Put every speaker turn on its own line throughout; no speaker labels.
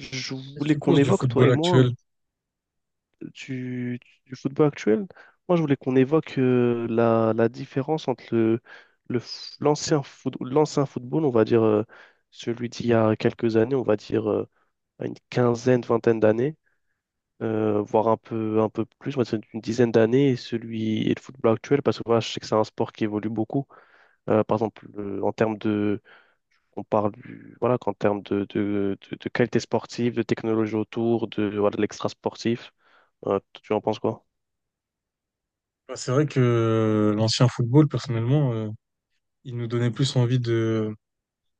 Je
Qu'est-ce que
voulais
tu
qu'on
penses du
évoque, toi
football
et moi,
actuel?
du, du football actuel. Moi, je voulais qu'on évoque la différence entre l'ancien football, on va dire celui d'il y a quelques années, on va dire une quinzaine, vingtaine d'années, voire un peu plus, on va dire une dizaine d'années, et celui et le football actuel, parce que voilà, je sais que c'est un sport qui évolue beaucoup. Par exemple, en termes de on parle du, voilà, qu'en termes de qualité sportive, de technologie autour, de, voilà, de l'extra sportif. Tu en penses quoi?
Bah, c'est vrai que l'ancien football, personnellement, il nous donnait plus envie de...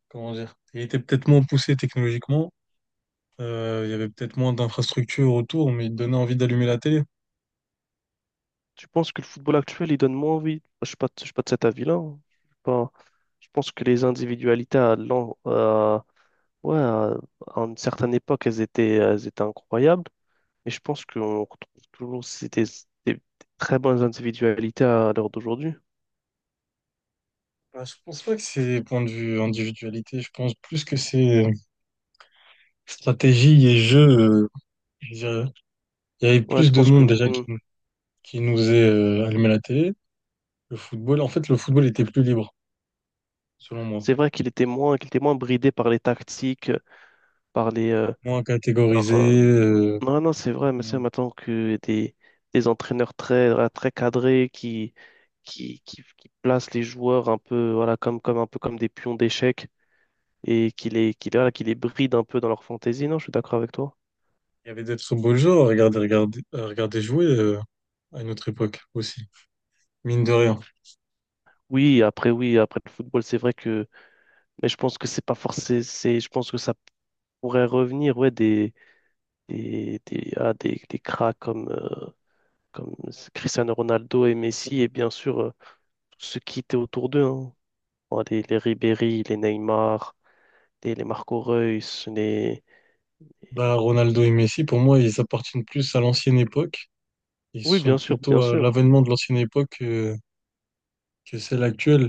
Comment dire? Il était peut-être moins poussé technologiquement, il y avait peut-être moins d'infrastructures autour, mais il donnait envie d'allumer la télé.
Tu penses que le football actuel, il donne moins envie? Je suis pas de cet avis-là, hein. Je suis pas- Je pense que les individualités ouais, à une certaine époque, elles étaient incroyables. Et je pense qu'on retrouve toujours des très bonnes individualités à l'heure d'aujourd'hui.
Bah, je pense pas que c'est point de vue individualité, je pense plus que c'est stratégie et jeu, je dirais. Il y avait
Ouais,
plus
tu
de
penses que
monde déjà qui, qui nous est allumé la télé. Le football, en fait, le football était plus libre, selon moi.
c'est vrai qu'il était moins bridé par les tactiques, par les, euh,
Moins
par, euh,
catégorisé.
non, non, c'est vrai, mais c'est maintenant que des entraîneurs très, voilà, très cadrés qui placent les joueurs un peu, voilà, un peu comme des pions d'échecs et voilà, qui les brident un peu dans leur fantaisie. Non, je suis d'accord avec toi.
Il y avait des très beaux joueurs à regarder, à regarder jouer à une autre époque aussi, mine de rien.
Oui, après le football, c'est vrai que, mais je pense que c'est pas forcément, c'est, je pense que ça pourrait revenir, ouais, des cracks comme, comme Cristiano Ronaldo et Messi et bien sûr, tous ceux qui étaient autour d'eux, hein. Bon, les Ribéry, les Neymar, les Marco Reus, les...
Bah, Ronaldo
les-
et Messi, pour moi, ils appartiennent plus à l'ancienne époque. Ils
Oui,
sont
bien sûr,
plutôt
bien
à
sûr,
l'avènement de l'ancienne époque que celle actuelle,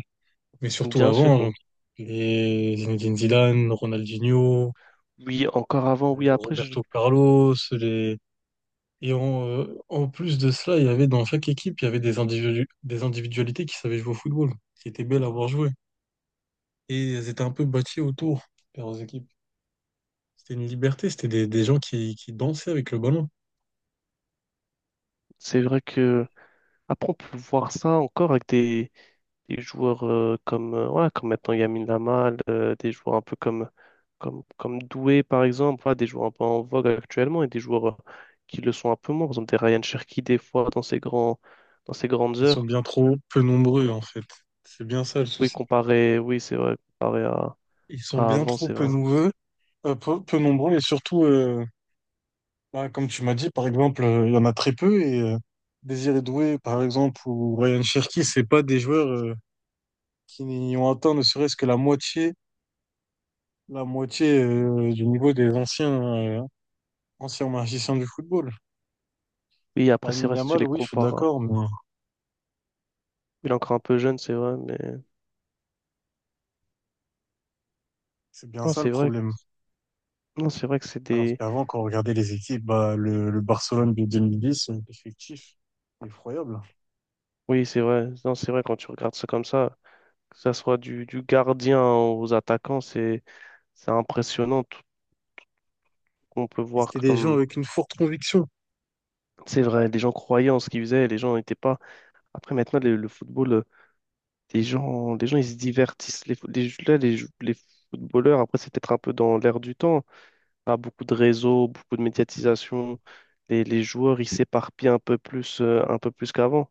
mais surtout
bien sûr.
avant, genre,
Bon.
les Zinedine Zidane, Ronaldinho,
Oui, encore avant, oui, après,
Roberto Carlos, les... Et en, en plus de cela, il y avait dans chaque équipe, il y avait des des individualités qui savaient jouer au football, qui étaient belles à voir jouer. Et elles étaient un peu bâties autour de leurs équipes. C'était une liberté, c'était des gens qui dansaient avec le ballon.
c'est vrai que... Après, on peut voir ça encore avec des joueurs comme, ouais, comme maintenant Yamin Lamal, des joueurs un peu comme Doué, par exemple, ouais, des joueurs un peu en vogue actuellement et des joueurs qui le sont un peu moins. Par exemple, des Ryan Cherki, des fois, dans ses grandes
Ils sont
heures.
bien trop peu nombreux, en fait. C'est bien ça le
Oui,
souci.
comparé, oui, c'est vrai, comparé à,
Ils sont
à
bien
avant,
trop
c'est
peu
vrai.
nombreux, peu nombreux, et surtout, bah, comme tu m'as dit, par exemple, il y en a très peu, et Désiré Doué, par exemple, ou Ryan Cherki, c'est pas des joueurs qui n'y ont atteint ne serait-ce que la moitié du niveau des anciens, euh, anciens magiciens du football.
Oui, après, c'est
Lamine
vrai, si tu
Yamal,
les
oui, je suis
compares, hein.
d'accord, mais
Il est encore un peu jeune, c'est vrai, mais
c'est bien
non,
ça le
c'est vrai,
problème.
non, c'est vrai que c'est
Alors
des.
qu'avant, quand on regardait les équipes, bah, le Barcelone de 2010, effectif, effroyable.
Oui, c'est vrai, non, c'est vrai quand tu regardes ça comme ça, que ça soit du gardien aux attaquants, c'est impressionnant tout ce qu'on peut
Et
voir
c'était des gens
comme.
avec une forte conviction.
C'est vrai, les gens croyaient en ce qu'ils faisaient, les gens n'étaient pas. Après, maintenant, le football, ils se divertissent. Les, fo- les, là, les footballeurs, après, c'est peut-être un peu dans l'air du temps. Pas beaucoup de réseaux, beaucoup de médiatisation. Les joueurs, ils s'éparpillent un peu plus qu'avant,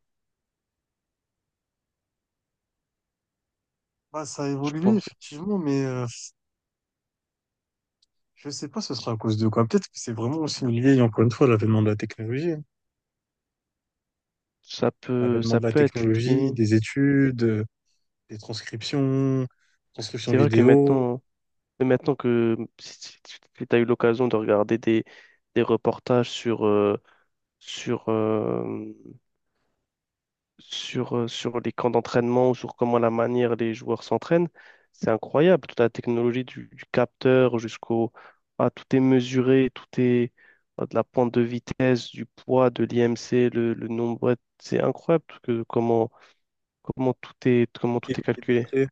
Bah, ça a
je
évolué,
pense.
effectivement, mais je sais pas ce sera à cause de quoi. Peut-être que c'est vraiment aussi lié, encore une fois, à l'avènement de la technologie, hein.
Ça peut,
L'avènement
ça
de la
peut être
technologie,
lié.
des études, des transcriptions, transcriptions
C'est vrai que
vidéo,
maintenant, mais maintenant que si tu as eu l'occasion de regarder des reportages sur, euh, sur les camps d'entraînement ou sur comment la manière les joueurs s'entraînent, c'est incroyable. Toute la technologie du capteur jusqu'au... Ah, tout est mesuré, de la pente de vitesse, du poids, de l'IMC, le nombre, ouais. C'est incroyable que,
tout
comment tout
est
est calculé.
millimétré.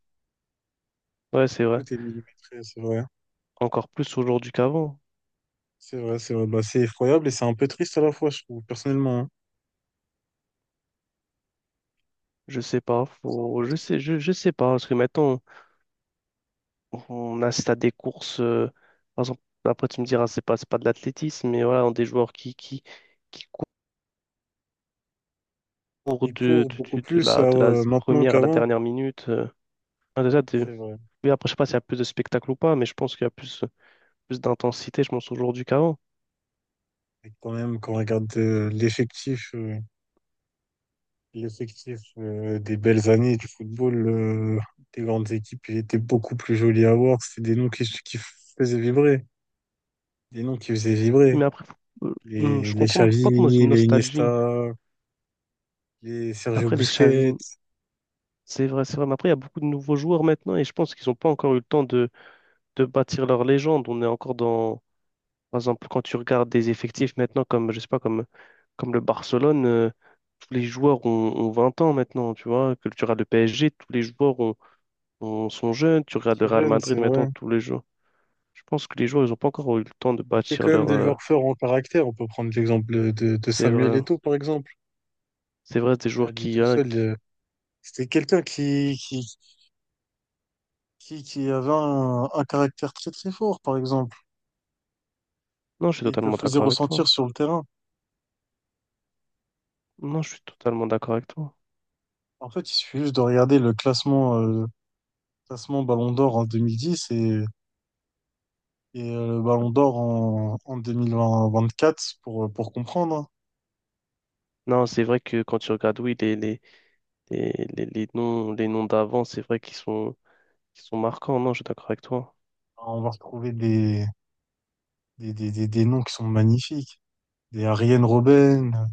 Ouais, c'est vrai,
Tout est millimétré, c'est vrai, hein.
encore plus aujourd'hui qu'avant.
C'est vrai, c'est vrai. Bah, c'est effroyable et c'est un peu triste à la fois, je trouve, personnellement, hein.
Je sais pas,
C'est un
faut,
peu triste.
je sais pas, parce que maintenant, on assiste à des courses, par exemple, après tu me diras, c'est pas de l'athlétisme, mais voilà, des joueurs qui courent
Ils courent beaucoup plus
de la
maintenant
première à la
qu'avant,
dernière minute, euh. Ah, déjà,
c'est vrai.
oui, après, je sais pas s'il y a plus de spectacle ou pas, mais je pense qu'il y a plus d'intensité, je pense, aujourd'hui qu'avant.
Et quand même, quand on regarde l'effectif des belles années du football, des grandes équipes, il était beaucoup plus joli à voir. C'était des noms qui faisaient vibrer, des noms qui faisaient vibrer.
Oui, mais après, je
Les
comprends, mais faut pas tomber dans
Xavi,
une
les
nostalgie.
Iniesta, les Sergio
Après, les Xavi,
Busquets,
c'est vrai, c'est vrai. Mais après, il y a beaucoup de nouveaux joueurs maintenant et je pense qu'ils n'ont pas encore eu le temps de bâtir leur légende. On est encore dans, par exemple, quand tu regardes des effectifs maintenant, comme, je sais pas, comme le Barcelone, tous les joueurs ont 20 ans maintenant, tu vois. Que tu regardes le PSG, tous les joueurs sont jeunes. Tu regardes le
très
Real
jeunes,
Madrid
c'est
maintenant,
vrai.
tous les joueurs. Je pense que les joueurs, ils n'ont pas encore eu le temps de
C'est
bâtir
quand même
leur,
des joueurs forts en caractère. On peut prendre l'exemple de
c'est
Samuel
vrai,
Eto'o, par exemple,
c'est vrai, des
qui à
joueurs
lui
qui,
tout
hein,
seul... c'était quelqu'un qui avait un caractère très très fort, par exemple,
non, je suis
et il te le
totalement
faisait
d'accord avec
ressentir
toi.
sur le terrain.
Non, je suis totalement d'accord avec toi.
En fait, il suffit juste de regarder le classement, classement Ballon d'Or en 2010 et, le Ballon d'Or en 2024 pour comprendre, hein.
Non, c'est vrai que quand tu regardes, oui, les noms, les noms d'avant, c'est vrai qu'ils sont marquants. Non, je suis d'accord avec toi.
On va retrouver des, des noms qui sont magnifiques. Des Arjen Robben,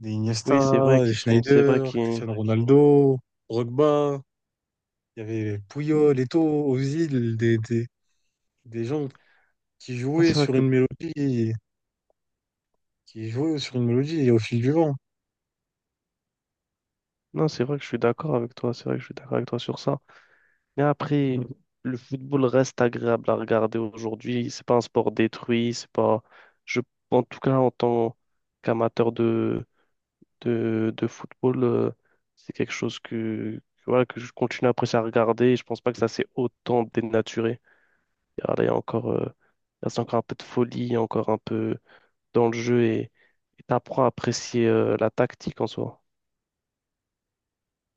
des
Oui, c'est vrai
Iniesta, des
qu'ils sont, c'est vrai
Schneider,
qu'ils,
Cristiano Ronaldo, Drogba. Il y avait
non,
Puyol, Eto'o, Ozil, des gens qui
c'est
jouaient
vrai
sur
que,
une mélodie qui est joué sur une mélodie et au fil du vent.
non, c'est vrai que je suis d'accord avec toi. C'est vrai que je suis d'accord avec toi sur ça. Mais après, le football reste agréable à regarder aujourd'hui. C'est pas un sport détruit. C'est pas, je, en tout cas, en tant qu'amateur de football, c'est quelque chose voilà, que je continue à apprécier à regarder. Et je pense pas que ça s'est autant dénaturé. Ah, là, il reste encore un peu de folie, encore un peu dans le jeu et t'apprends à apprécier la tactique en soi.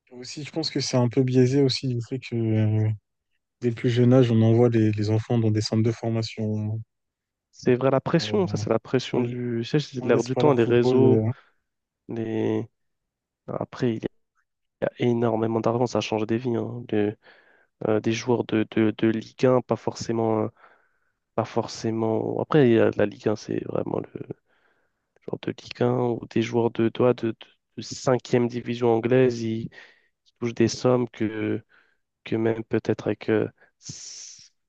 Aussi, je pense que c'est un peu biaisé aussi du fait que dès le plus jeune âge, on envoie les enfants dans des centres de formation.
C'est vrai, la pression, ça,
euh,
c'est la
on
pression du. Tu sais, c'est
ne
l'air
laisse
du
pas
temps,
leur
les
football.
réseaux, les. Après, il y a énormément d'argent, ça change des vies, hein. Des joueurs de Ligue 1, pas forcément, pas forcément. Après, il y a de la Ligue 1, c'est vraiment le genre de Ligue 1, ou des joueurs de cinquième division anglaise, ils touchent des sommes que même peut-être avec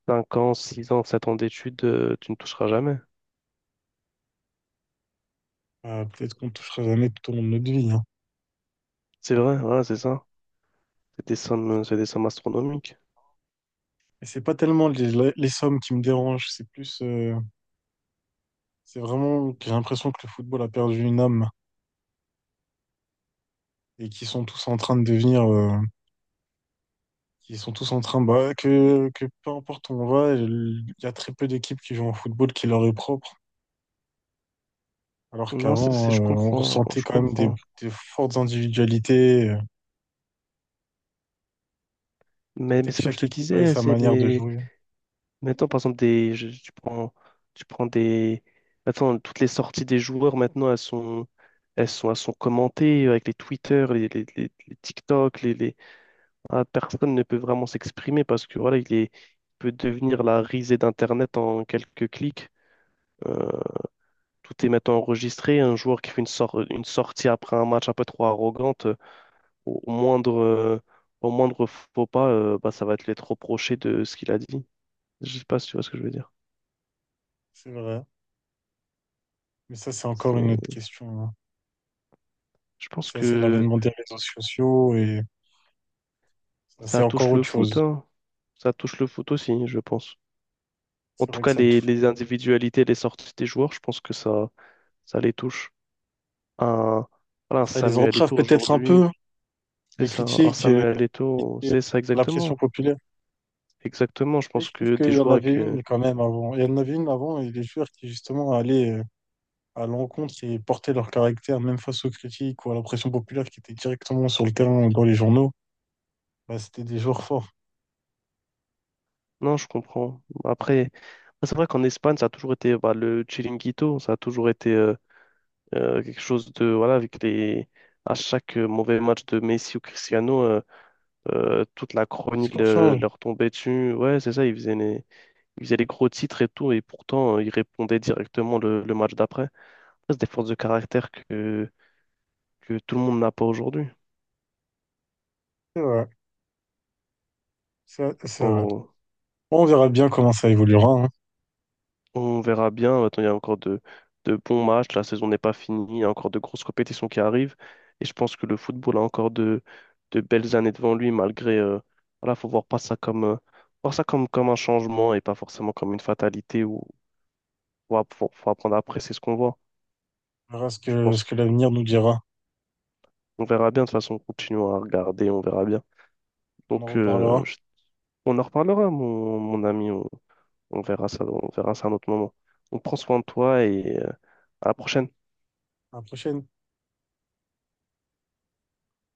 5 ans, 6 ans, 7 ans d'études, tu ne toucheras jamais.
Peut-être qu'on ne touchera jamais tout au long de notre vie, hein.
C'est vrai, voilà, c'est ça. C'est des sommes astronomiques.
Et c'est pas tellement les sommes qui me dérangent, c'est plus, c'est vraiment, que j'ai l'impression que le football a perdu une âme et qu'ils sont tous en train de devenir, qu'ils sont tous en train, bah, que peu importe où on va, il y a très peu d'équipes qui jouent en football qui leur est propre. Alors
Non,
qu'avant,
je
on
comprends,
ressentait
je
quand même
comprends.
des fortes individualités. On
Mais,
sentait
mais
que
c'est comme je
chaque
te
équipe avait
disais,
sa
c'est
manière de
les...
jouer.
Maintenant, par exemple, tu prends des... Maintenant, toutes les sorties des joueurs, maintenant, elles sont commentées avec les Twitter, les TikTok, ah, personne ne peut vraiment s'exprimer parce que voilà, il peut devenir la risée d'Internet en quelques clics. Euh, Tout est maintenant enregistré. Un joueur qui fait une sortie après un match un peu trop arrogante, au au moindre, euh, au moindre faux pas, bah, ça va te l'être reproché de ce qu'il a dit. Je sais pas si tu vois ce que je veux dire.
C'est vrai. Mais ça, c'est encore une autre
C'est-
question, hein.
Je pense
Ça, c'est
que
l'avènement des réseaux sociaux et ça, c'est
ça
encore
touche le
autre
foot,
chose.
hein. Ça touche le foot aussi, je pense. En
C'est
tout
vrai que
cas,
ça,
les individualités, les sorties des joueurs, je pense que ça les touche. Un, voilà, un
ça les
Samuel
entrave
Eto'o
peut-être un
aujourd'hui,
peu,
c'est
les
ça, un
critiques
Samuel Eto'o,
et
c'est ça
la pression
exactement.
populaire.
Exactement, je
Mais
pense
je trouve
que des
qu'il y en
joueurs
avait
que...
une quand même avant. Il y en avait une avant et les joueurs qui justement allaient à l'encontre et portaient leur caractère même face aux critiques ou à la pression populaire qui était directement sur le terrain ou dans les journaux. Bah, c'était des jours forts.
Non, je comprends. Après, c'est vrai qu'en Espagne, ça a toujours été bah, le Chiringuito, ça a toujours été quelque chose de... Voilà, avec les... À chaque mauvais match de Messi ou Cristiano, toute la
Les
chronique
discours changent.
leur tombait dessus. Ouais, c'est ça, ils faisaient les gros titres et tout, et pourtant, ils répondaient directement le match d'après. Ça, c'est des forces de caractère que tout le monde n'a pas aujourd'hui.
C'est vrai, ouais. C'est vrai.
Faut-
Bon, on verra bien comment ça évoluera, hein.
On verra bien. Attends, il y a encore de bons matchs. La saison n'est pas finie. Il y a encore de grosses compétitions qui arrivent. Et je pense que le football a encore de belles années devant lui, malgré, voilà, faut voir pas ça comme, voir ça comme un changement et pas forcément comme une fatalité où faut apprendre à apprécier ce qu'on voit.
On verra
Je pense
ce
que
que l'avenir nous dira.
on verra bien. De toute façon, on continue à regarder. On verra bien.
On en
Donc,
reparlera.
on en reparlera, mon ami. On verra ça, à un autre moment. Donc, prends soin de toi et à la prochaine.
À la prochaine.